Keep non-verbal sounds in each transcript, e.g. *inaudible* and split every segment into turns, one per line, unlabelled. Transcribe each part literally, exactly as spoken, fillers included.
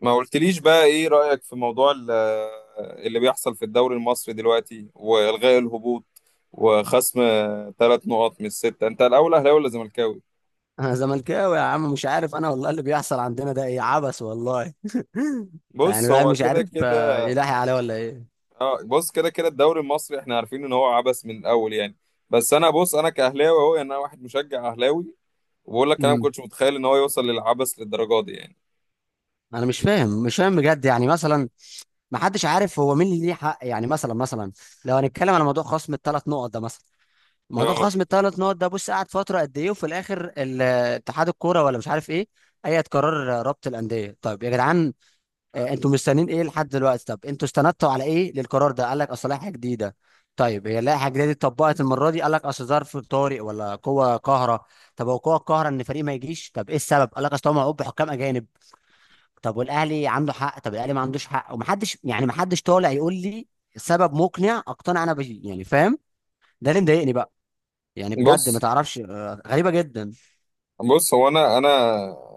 ما قلتليش بقى ايه رأيك في موضوع ال- اللي بيحصل في الدوري المصري دلوقتي والغاء الهبوط وخصم ثلاث نقط من الستة. انت الاول اهلاوي ولا زملكاوي؟
انا زملكاوي يا عم، مش عارف انا والله. اللي بيحصل عندنا ده ايه؟ عبث والله. *laughs* يعني
بص،
الواحد
هو
مش
كده
عارف، آه،
كده.
يلاحي عليه ولا ايه؟
اه، بص كده كده الدوري المصري، احنا عارفين ان هو عبث من الاول يعني. بس انا، بص، انا كاهلاوي اهو، يعني انا واحد مشجع اهلاوي، وبقول لك انا ما
امم
كنتش متخيل ان هو يوصل للعبث للدرجة دي يعني.
انا مش فاهم مش فاهم بجد، يعني مثلا ما حدش عارف هو مين اللي ليه حق، يعني مثلا مثلا لو هنتكلم على موضوع خصم الثلاث نقط ده مثلا، موضوع
اه،
خصم الثلاث نقط ده، بص قعد فتره قد ايه؟ وفي الاخر ال- اتحاد الكوره ولا مش عارف ايه، اي قرار، رابط الانديه. طيب يا جدعان، آه، انتوا مستنيين ايه لحد دلوقتي؟ طب انتوا استندتوا على ايه للقرار ده؟ قال لك اصل لائحه جديده. طيب هي اللائحه الجديده دي اتطبقت المره دي؟ قال لك اصل ظرف طارئ ولا قوه قاهره. طب هو قوه قاهره ان فريق ما يجيش؟ طب ايه السبب؟ قال لك اصل هو معقوب بحكام اجانب. طب والاهلي عنده حق؟ طب الاهلي ما عندوش حق؟ ومحدش، يعني محدش طالع يقول لي سبب مقنع اقتنع انا بيه، يعني فاهم؟ ده اللي مضايقني بقى. يعني بجد ما
بص
تعرفش، آه، غريبه جدا.
بص هو انا انا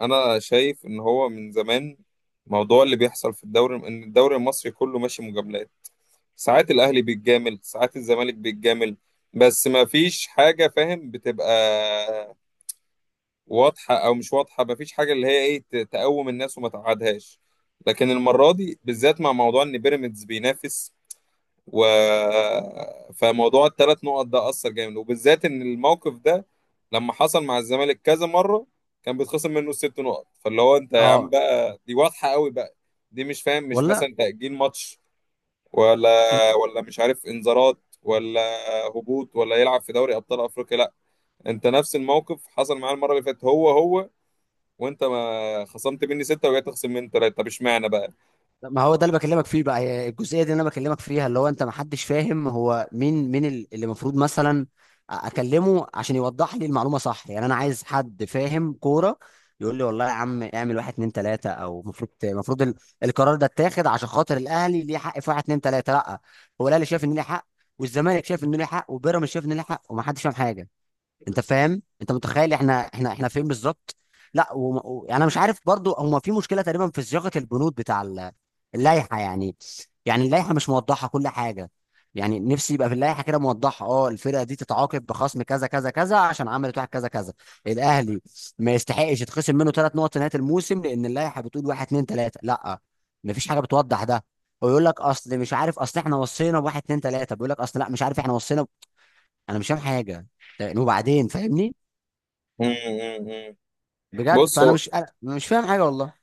انا شايف ان هو من زمان موضوع اللي بيحصل في الدوري، ان الدوري المصري كله ماشي مجاملات. ساعات الاهلي بيتجامل، ساعات الزمالك بيتجامل، بس ما فيش حاجه، فاهم، بتبقى واضحه او مش واضحه. ما فيش حاجه اللي هي ايه ت- تقوم الناس وما تقعدهاش. لكن المره دي بالذات، مع موضوع ان بيراميدز بينافس، و فموضوع الثلاث نقط ده أثر جامد، وبالذات إن الموقف ده لما حصل مع الزمالك كذا مرة كان بيتخصم منه الست نقط. فاللي هو أنت يا عم
اه،
بقى، دي واضحة قوي بقى. دي مش فاهم، مش
ولا،
مثلا تأجيل ماتش ولا ولا مش عارف إنذارات، ولا هبوط، ولا يلعب في دوري أبطال أفريقيا. لا، أنت نفس الموقف حصل معاه المرة اللي فاتت، هو هو، وأنت ما خصمت مني ستة وجاي تخصم مني ثلاثة، طب اشمعنى بقى؟
ما هو ده اللي بكلمك فيه بقى، هي الجزئيه دي اللي انا بكلمك فيها، اللي هو انت، ما حدش فاهم هو مين، مين ال- اللي المفروض مثلا اكلمه عشان يوضح لي المعلومه صح. يعني انا عايز حد فاهم كوره يقول لي والله يا عم، اعمل واحد اتنين تلاته، او المفروض المفروض ال- القرار ده اتاخد عشان خاطر الاهلي ليه حق في واحد اتنين تلاته. لا، هو الاهلي شايف ان ليه حق، والزمالك شايف ان ليه حق، وبيراميدز شايف ان ليه حق، وما حدش فاهم حاجه. انت فاهم؟ انت متخيل احنا احنا احنا فين بالظبط؟ لا، وم... و... يعني انا مش عارف برضو. هما في مشكله تقريبا في صياغه البنود بتاع ال- اللائحه يعني. يعني اللائحه مش موضحه كل حاجه. يعني نفسي يبقى في اللائحه كده موضحه، اه، الفرقه دي تتعاقب بخصم كذا كذا كذا عشان عملت واحد كذا كذا. الاهلي ما يستحقش يتخصم منه ثلاث نقط نهايه الموسم لان اللائحه بتقول واحد اتنين تلاته. لا، مفيش حاجه بتوضح ده. ويقول لك اصل مش عارف، اصل احنا وصينا بواحد اتنين تلاته، بيقول لك اصل لا، مش عارف، احنا وصينا ب... انا مش فاهم حاجه. طيب، وبعدين فاهمني
مم، مم، مم.
بجد،
بص
فانا
هو
مش أنا مش فاهم حاجه والله.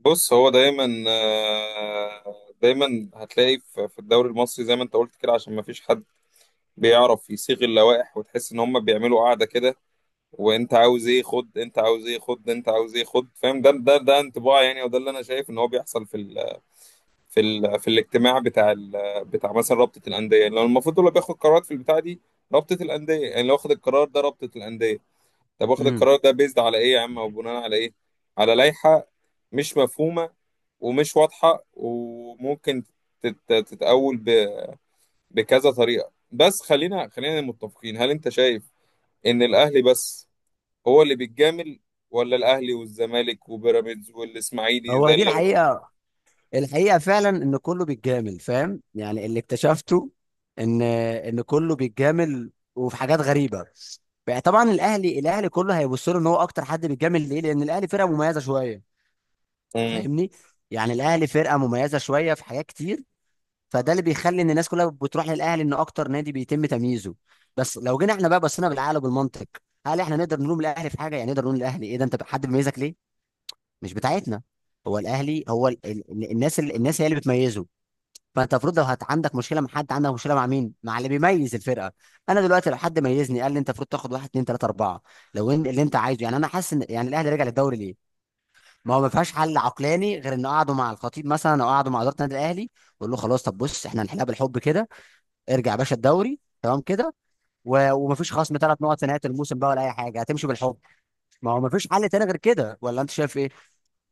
بص هو دايما، آه، دايما هتلاقي في في الدوري المصري زي ما انت قلت كده، عشان ما فيش حد بيعرف يصيغ اللوائح، وتحس ان هم بيعملوا قاعده كده. وانت عاوز ايه خد، انت عاوز ايه خد، انت عاوز ايه خد، فاهم؟ ده ده ده انطباع يعني، وده اللي انا شايف ان هو بيحصل في ال في ال في الاجتماع بتاع ال بتاع مثلا رابطه الانديه. يعني لو المفروض اللي بياخد قرارات في البتاع دي رابطه الانديه، يعني لو واخد القرار ده رابطه الانديه، طب واخد
امم
القرار ده بيزد على ايه يا عم، او بناء على ايه؟ على لائحه مش مفهومه ومش واضحة، وممكن تت- تتأول ب- بكذا طريقة. بس خلينا خلينا متفقين، هل انت شايف ان الاهلي بس هو اللي بيتجامل، ولا الاهلي والزمالك وبيراميدز والاسماعيلي
هو
زي
دي
اللي.
الحقيقه الحقيقه فعلا ان كله بيتجامل، فاهم؟ يعني اللي اكتشفته ان ان كله بيتجامل، وفي حاجات غريبه بقى. طبعا الاهلي الاهلي كله هيبص له ان هو اكتر حد بيتجامل ليه، لان الاهلي فرقه مميزه شويه،
مم.
فاهمني؟ يعني الاهلي فرقه مميزه شويه في حاجات كتير، فده اللي بيخلي ان الناس كلها بتروح للاهلي، ان اكتر نادي بيتم تمييزه. بس لو جينا احنا بقى بصينا بالعقل وبالمنطق، هل احنا نقدر نلوم الاهلي في حاجه؟ يعني نقدر نقول الاهلي ايه ده، انت حد بيميزك ليه؟ مش بتاعتنا. هو الاهلي هو ال... ال... ال- الناس ال... الناس هي اللي بتميزه. فانت المفروض لو هت... عندك مشكله مع حد، عندك مشكله مع مين؟ مع اللي بيميز الفرقه. انا دلوقتي لو حد ميزني قال لي انت المفروض تاخد واحد اتنين تلاته اربعه، لو ان... اللي انت عايزه، يعني انا حاسس ان يعني الاهلي رجع للدوري ليه. ما هو ما فيهاش حل عقلاني غير ان قعدوا مع الخطيب مثلا، او قعدوا مع اداره النادي الاهلي، وقال له خلاص طب بص، احنا هنحلها بالحب كده. ارجع يا باشا الدوري تمام كده، و... ومفيش خصم ثلاث نقط في نهايه الموسم بقى ولا اي حاجه، هتمشي بالحب. ما هو مفيش حل تاني غير كده، ولا انت شايف ايه؟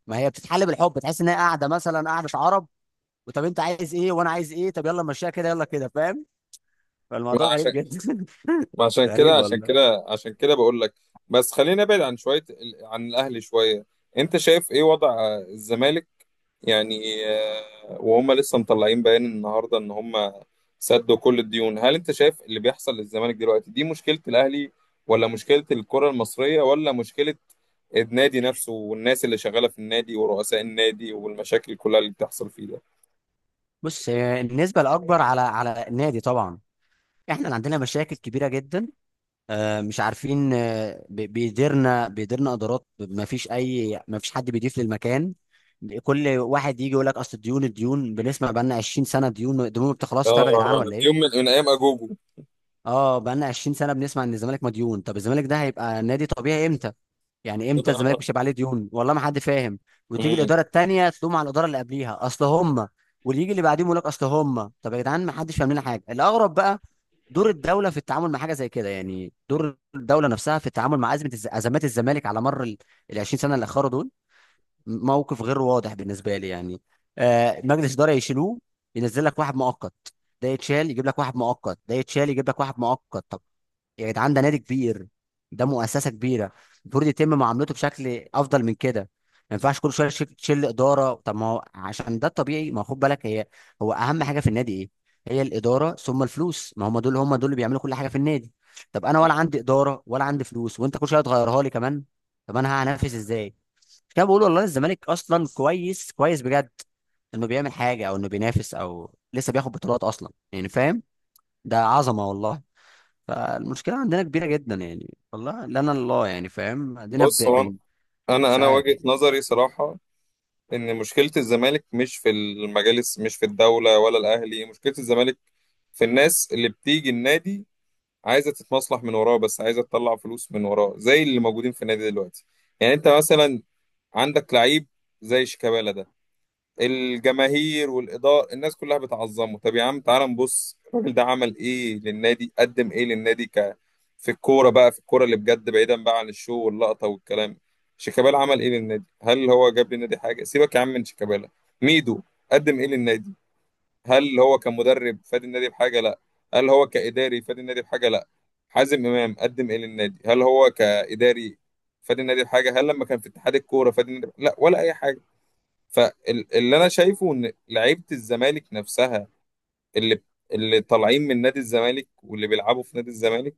ما هي بتتحل بالحب، تحس ان هي قاعده مثلا، قاعده عرب، وطب انت عايز ايه وانا عايز ايه، طب يلا نمشيها كده يلا كده، فاهم؟ فالموضوع
ما
غريب
عشان
جدا.
ما عشان
*laughs* غريب
كده عشان
والله.
كده عشان كده بقول لك. بس خلينا نبعد عن شوية ال- عن الاهلي شوية. انت شايف ايه وضع الزمالك؟ يعني آه، وهم لسه مطلعين بيان النهارده ان هم سدوا كل الديون. هل انت شايف اللي بيحصل للزمالك دلوقتي دي مشكلة الاهلي، ولا مشكلة الكرة المصرية، ولا مشكلة النادي نفسه والناس اللي شغالة في النادي ورؤساء النادي والمشاكل كلها اللي بتحصل فيه ده؟
بص، هي النسبه الاكبر على على النادي طبعا. احنا اللي عندنا مشاكل كبيره جدا. آه، مش عارفين، آه، بي- بيديرنا بيديرنا ادارات. ما فيش اي ما فيش حد بيضيف للمكان. كل واحد يجي يقول لك اصل الديون الديون، بنسمع بقى لنا عشرين سنه ديون، الديون ما بتخلصش. طيب يا جدعان،
اه،
ولا ايه؟
يوم من, من ايام اجوجو.
اه، بقالنا عشرين سنه بنسمع ان الزمالك مديون. طب الزمالك ده هيبقى نادي طبيعي امتى؟ يعني امتى الزمالك مش هيبقى
*laughs*
عليه ديون؟ والله ما حد فاهم. وتيجي
مم.
الاداره التانيه تلوم على الاداره اللي قبليها، اصل هم، واللي يجي اللي بعديهم يقول لك اصل هم. طب يا جدعان، ما حدش فاهم لنا حاجه. الاغرب بقى دور الدوله في التعامل مع حاجه زي كده، يعني دور الدوله نفسها في التعامل مع ازمه الز- ازمات الزمالك على مر ال ال عشرين سنه اللي اخروا دول. موقف غير واضح بالنسبه لي يعني. آه مجلس اداره يشيلوه، ينزل لك واحد مؤقت، ده يتشال يجيب لك واحد مؤقت، ده يتشال يجيب لك واحد مؤقت. طب يا جدعان، ده نادي كبير، ده مؤسسه كبيره، المفروض يتم معاملته بشكل افضل من كده. ما ينفعش كل شويه تشيل تشيل اداره. طب ما هو عشان ده الطبيعي، ما هو خد بالك، هي هو اهم حاجه في النادي ايه؟ هي الاداره، ثم الفلوس. ما هم دول، هم دول اللي بيعملوا كل حاجه في النادي. طب انا ولا عندي اداره ولا عندي فلوس، وانت كل شويه تغيرها لي كمان. طب انا هنافس ازاي؟ مش كده بقول؟ والله الزمالك اصلا كويس كويس بجد انه بيعمل حاجه، او انه بينافس، او لسه بياخد بطولات اصلا، يعني فاهم؟ ده عظمه والله. فالمشكلة عندنا كبيرة جدا يعني، والله لنا الله، يعني فاهم؟ عندنا ب...
بص هو،
بن...
انا
مش
انا
عارف،
وجهة نظري صراحة ان مشكلة الزمالك مش في المجالس، مش في الدولة، ولا الاهلي. مشكلة الزمالك في الناس اللي بتيجي النادي عايزه تتمصلح من وراه، بس عايزه تطلع فلوس من وراه، زي اللي موجودين في النادي دلوقتي. يعني انت مثلا عندك لعيب زي شيكابالا ده، الجماهير والاداره الناس كلها بتعظمه. طب يا عم تعال نبص الراجل ده عمل ايه للنادي، قدم ايه للنادي، ك في الكوره بقى، في الكوره اللي بجد، بعيدا بقى عن الشو واللقطه والكلام. شيكابالا عمل ايه للنادي؟ هل هو جاب للنادي حاجه؟ سيبك يا عم من شيكابالا. ميدو قدم ايه للنادي؟ هل هو كمدرب فادي النادي بحاجه؟ لا. هل هو كاداري فادي النادي بحاجه؟ لا. حازم امام قدم ايه للنادي؟ هل هو كاداري فادي النادي بحاجه؟ هل لما كان في اتحاد الكوره فادي النادي؟ لا، ولا اي حاجه. فاللي انا شايفه ان لعيبه الزمالك نفسها، اللي اللي طالعين من نادي الزمالك واللي بيلعبوا في نادي الزمالك،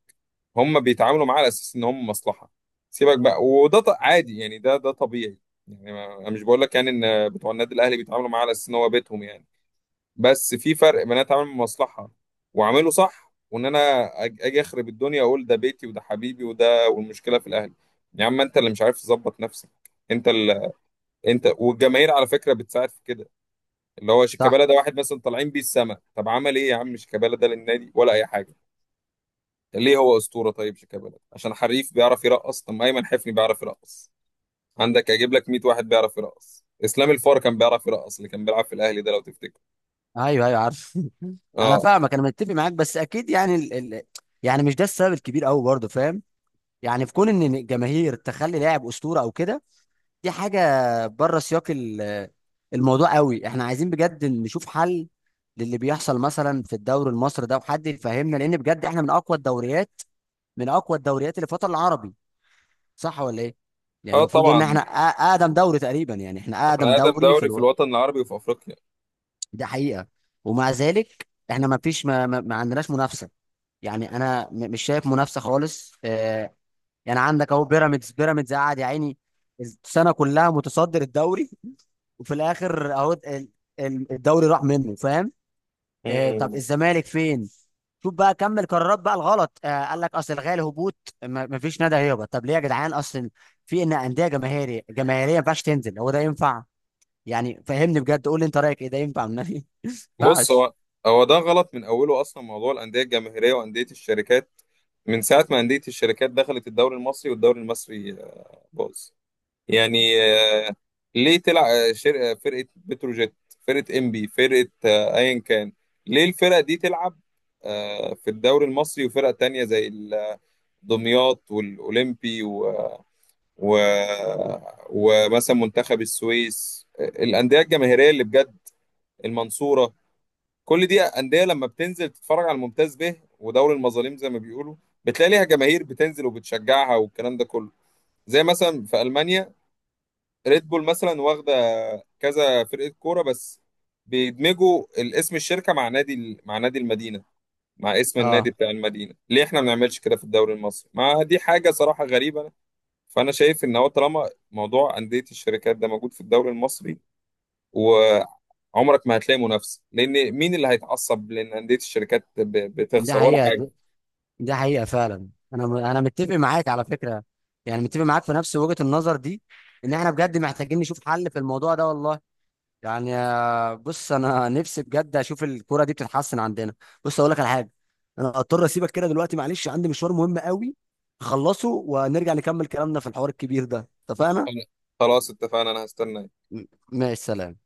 هم بيتعاملوا معاه على اساس ان هم مصلحه. سيبك بقى، وده ط- عادي يعني، ده ده طبيعي. يعني ما- انا مش بقول لك يعني ان بتوع النادي الاهلي بيتعاملوا معاه على اساس ان هو بيتهم يعني. بس في فرق بين انا اتعامل بمصلحه واعمله صح، وان انا أج- اجي اخرب الدنيا اقول ده بيتي وده حبيبي وده، والمشكله في الاهل. يا عم انت اللي مش عارف تظبط نفسك. انت ال... انت والجماهير على فكره بتساعد في كده، اللي هو
صح.
شيكابالا ده واحد مثلا طالعين بيه السما. طب عمل ايه يا عم شيكابالا ده للنادي ولا اي حاجه؟ ده ليه هو اسطوره؟ طيب شيكابالا عشان حريف بيعرف يرقص؟ طب ما ايمن حفني بيعرف يرقص. عندك اجيب لك مئة واحد بيعرف يرقص. اسلام الفار كان بيعرف يرقص، اللي كان بيلعب في الاهلي ده لو تفتكر.
ايوه ايوه عارف. *laughs* انا
اه،
فاهمك، انا متفق معاك، بس اكيد يعني ال... ال... يعني مش ده السبب الكبير قوي برضه، فاهم؟ يعني في كون ان الجماهير تخلي لاعب اسطورة او كده، دي حاجة بره سياق ال... الموضوع قوي. احنا عايزين بجد نشوف حل للي بيحصل مثلا في الدوري المصري ده، وحد يفهمنا، لان بجد احنا من اقوى الدوريات، من اقوى الدوريات اللي في الوطن العربي، صح ولا ايه؟ يعني
اه
المفروض ان احنا
طبعا،
أ- اقدم دوري تقريبا. يعني احنا اقدم
احنا اقدم
دوري في
دوري في
الوقت،
الوطن العربي وفي افريقيا.
ده حقيقه. ومع ذلك احنا ما فيش ما, ما, ما عندناش منافسه. يعني انا م- مش شايف منافسه خالص. آه يعني عندك اهو بيراميدز بيراميدز قاعد يا عيني، السنه كلها متصدر الدوري. *laughs* وفي الاخر اهو ال- ال- الدوري راح منه، فاهم؟ آه طب
مم.
الزمالك فين؟ شوف بقى كمل قرارات بقى الغلط، آه قال لك اصل الغالي هبوط، ما ما فيش نادي هيهبط. طب ليه يا جدعان؟ اصل في ان انديه جماهيريه، جماهيريه ما ينفعش تنزل، هو ده ينفع؟ يعني فهمني بجد، قول لي انت رايك ايه، ده ينفع من نادي؟ *laughs* ما
بص
ينفعش.
هو، هو ده غلط من اوله اصلا، موضوع الانديه الجماهيريه وانديه الشركات. من ساعه ما انديه الشركات دخلت الدوري المصري والدوري المصري آه، باظ. يعني آه، ليه تلعب شركه؟ فرقه بتروجيت، فرقه انبي، فرقه آه، ايا كان، ليه الفرق دي تلعب آه، في الدوري المصري؟ وفرق تانية زي ال- دمياط والأولمبي و... و... ومثلا منتخب السويس، آه، الأندية الجماهيرية اللي بجد، المنصوره. كل دي انديه لما بتنزل تتفرج على الممتاز به، ودوري المظالم زي ما بيقولوا، بتلاقي ليها جماهير بتنزل وبتشجعها والكلام ده كله. زي مثلا في المانيا ريد بول مثلا، واخده كذا فرقه كوره بس، بيدمجوا الاسم الشركه مع نادي ال- مع نادي المدينه، مع اسم النادي
اه،
بتاع المدينه. ليه احنا ما بنعملش كده في الدوري المصري؟ ما دي حاجه صراحه غريبه. فانا شايف ان هو طالما موضوع انديه الشركات ده موجود في الدوري المصري، عمرك ما هتلاقي منافسه، لان مين اللي هيتعصب، لان انديه الشركات ب-
ده
بتخسر ولا
حقيقه،
حاجه.
ده ده حقيقه فعلا. انا م- انا متفق معاك على فكره، يعني متفق معاك في نفس وجهه النظر دي، ان احنا بجد محتاجين نشوف حل في الموضوع ده والله. يعني آه، بص، انا نفسي بجد اشوف الكوره دي بتتحسن عندنا. بص اقول لك على حاجه، انا اضطر اسيبك كده دلوقتي، معلش، عندي مشوار مهم قوي، اخلصه ونرجع نكمل كلامنا في الحوار الكبير ده، اتفقنا؟
أنا- خلاص اتفقنا، انا هستناك.
م- ماشي، سلام.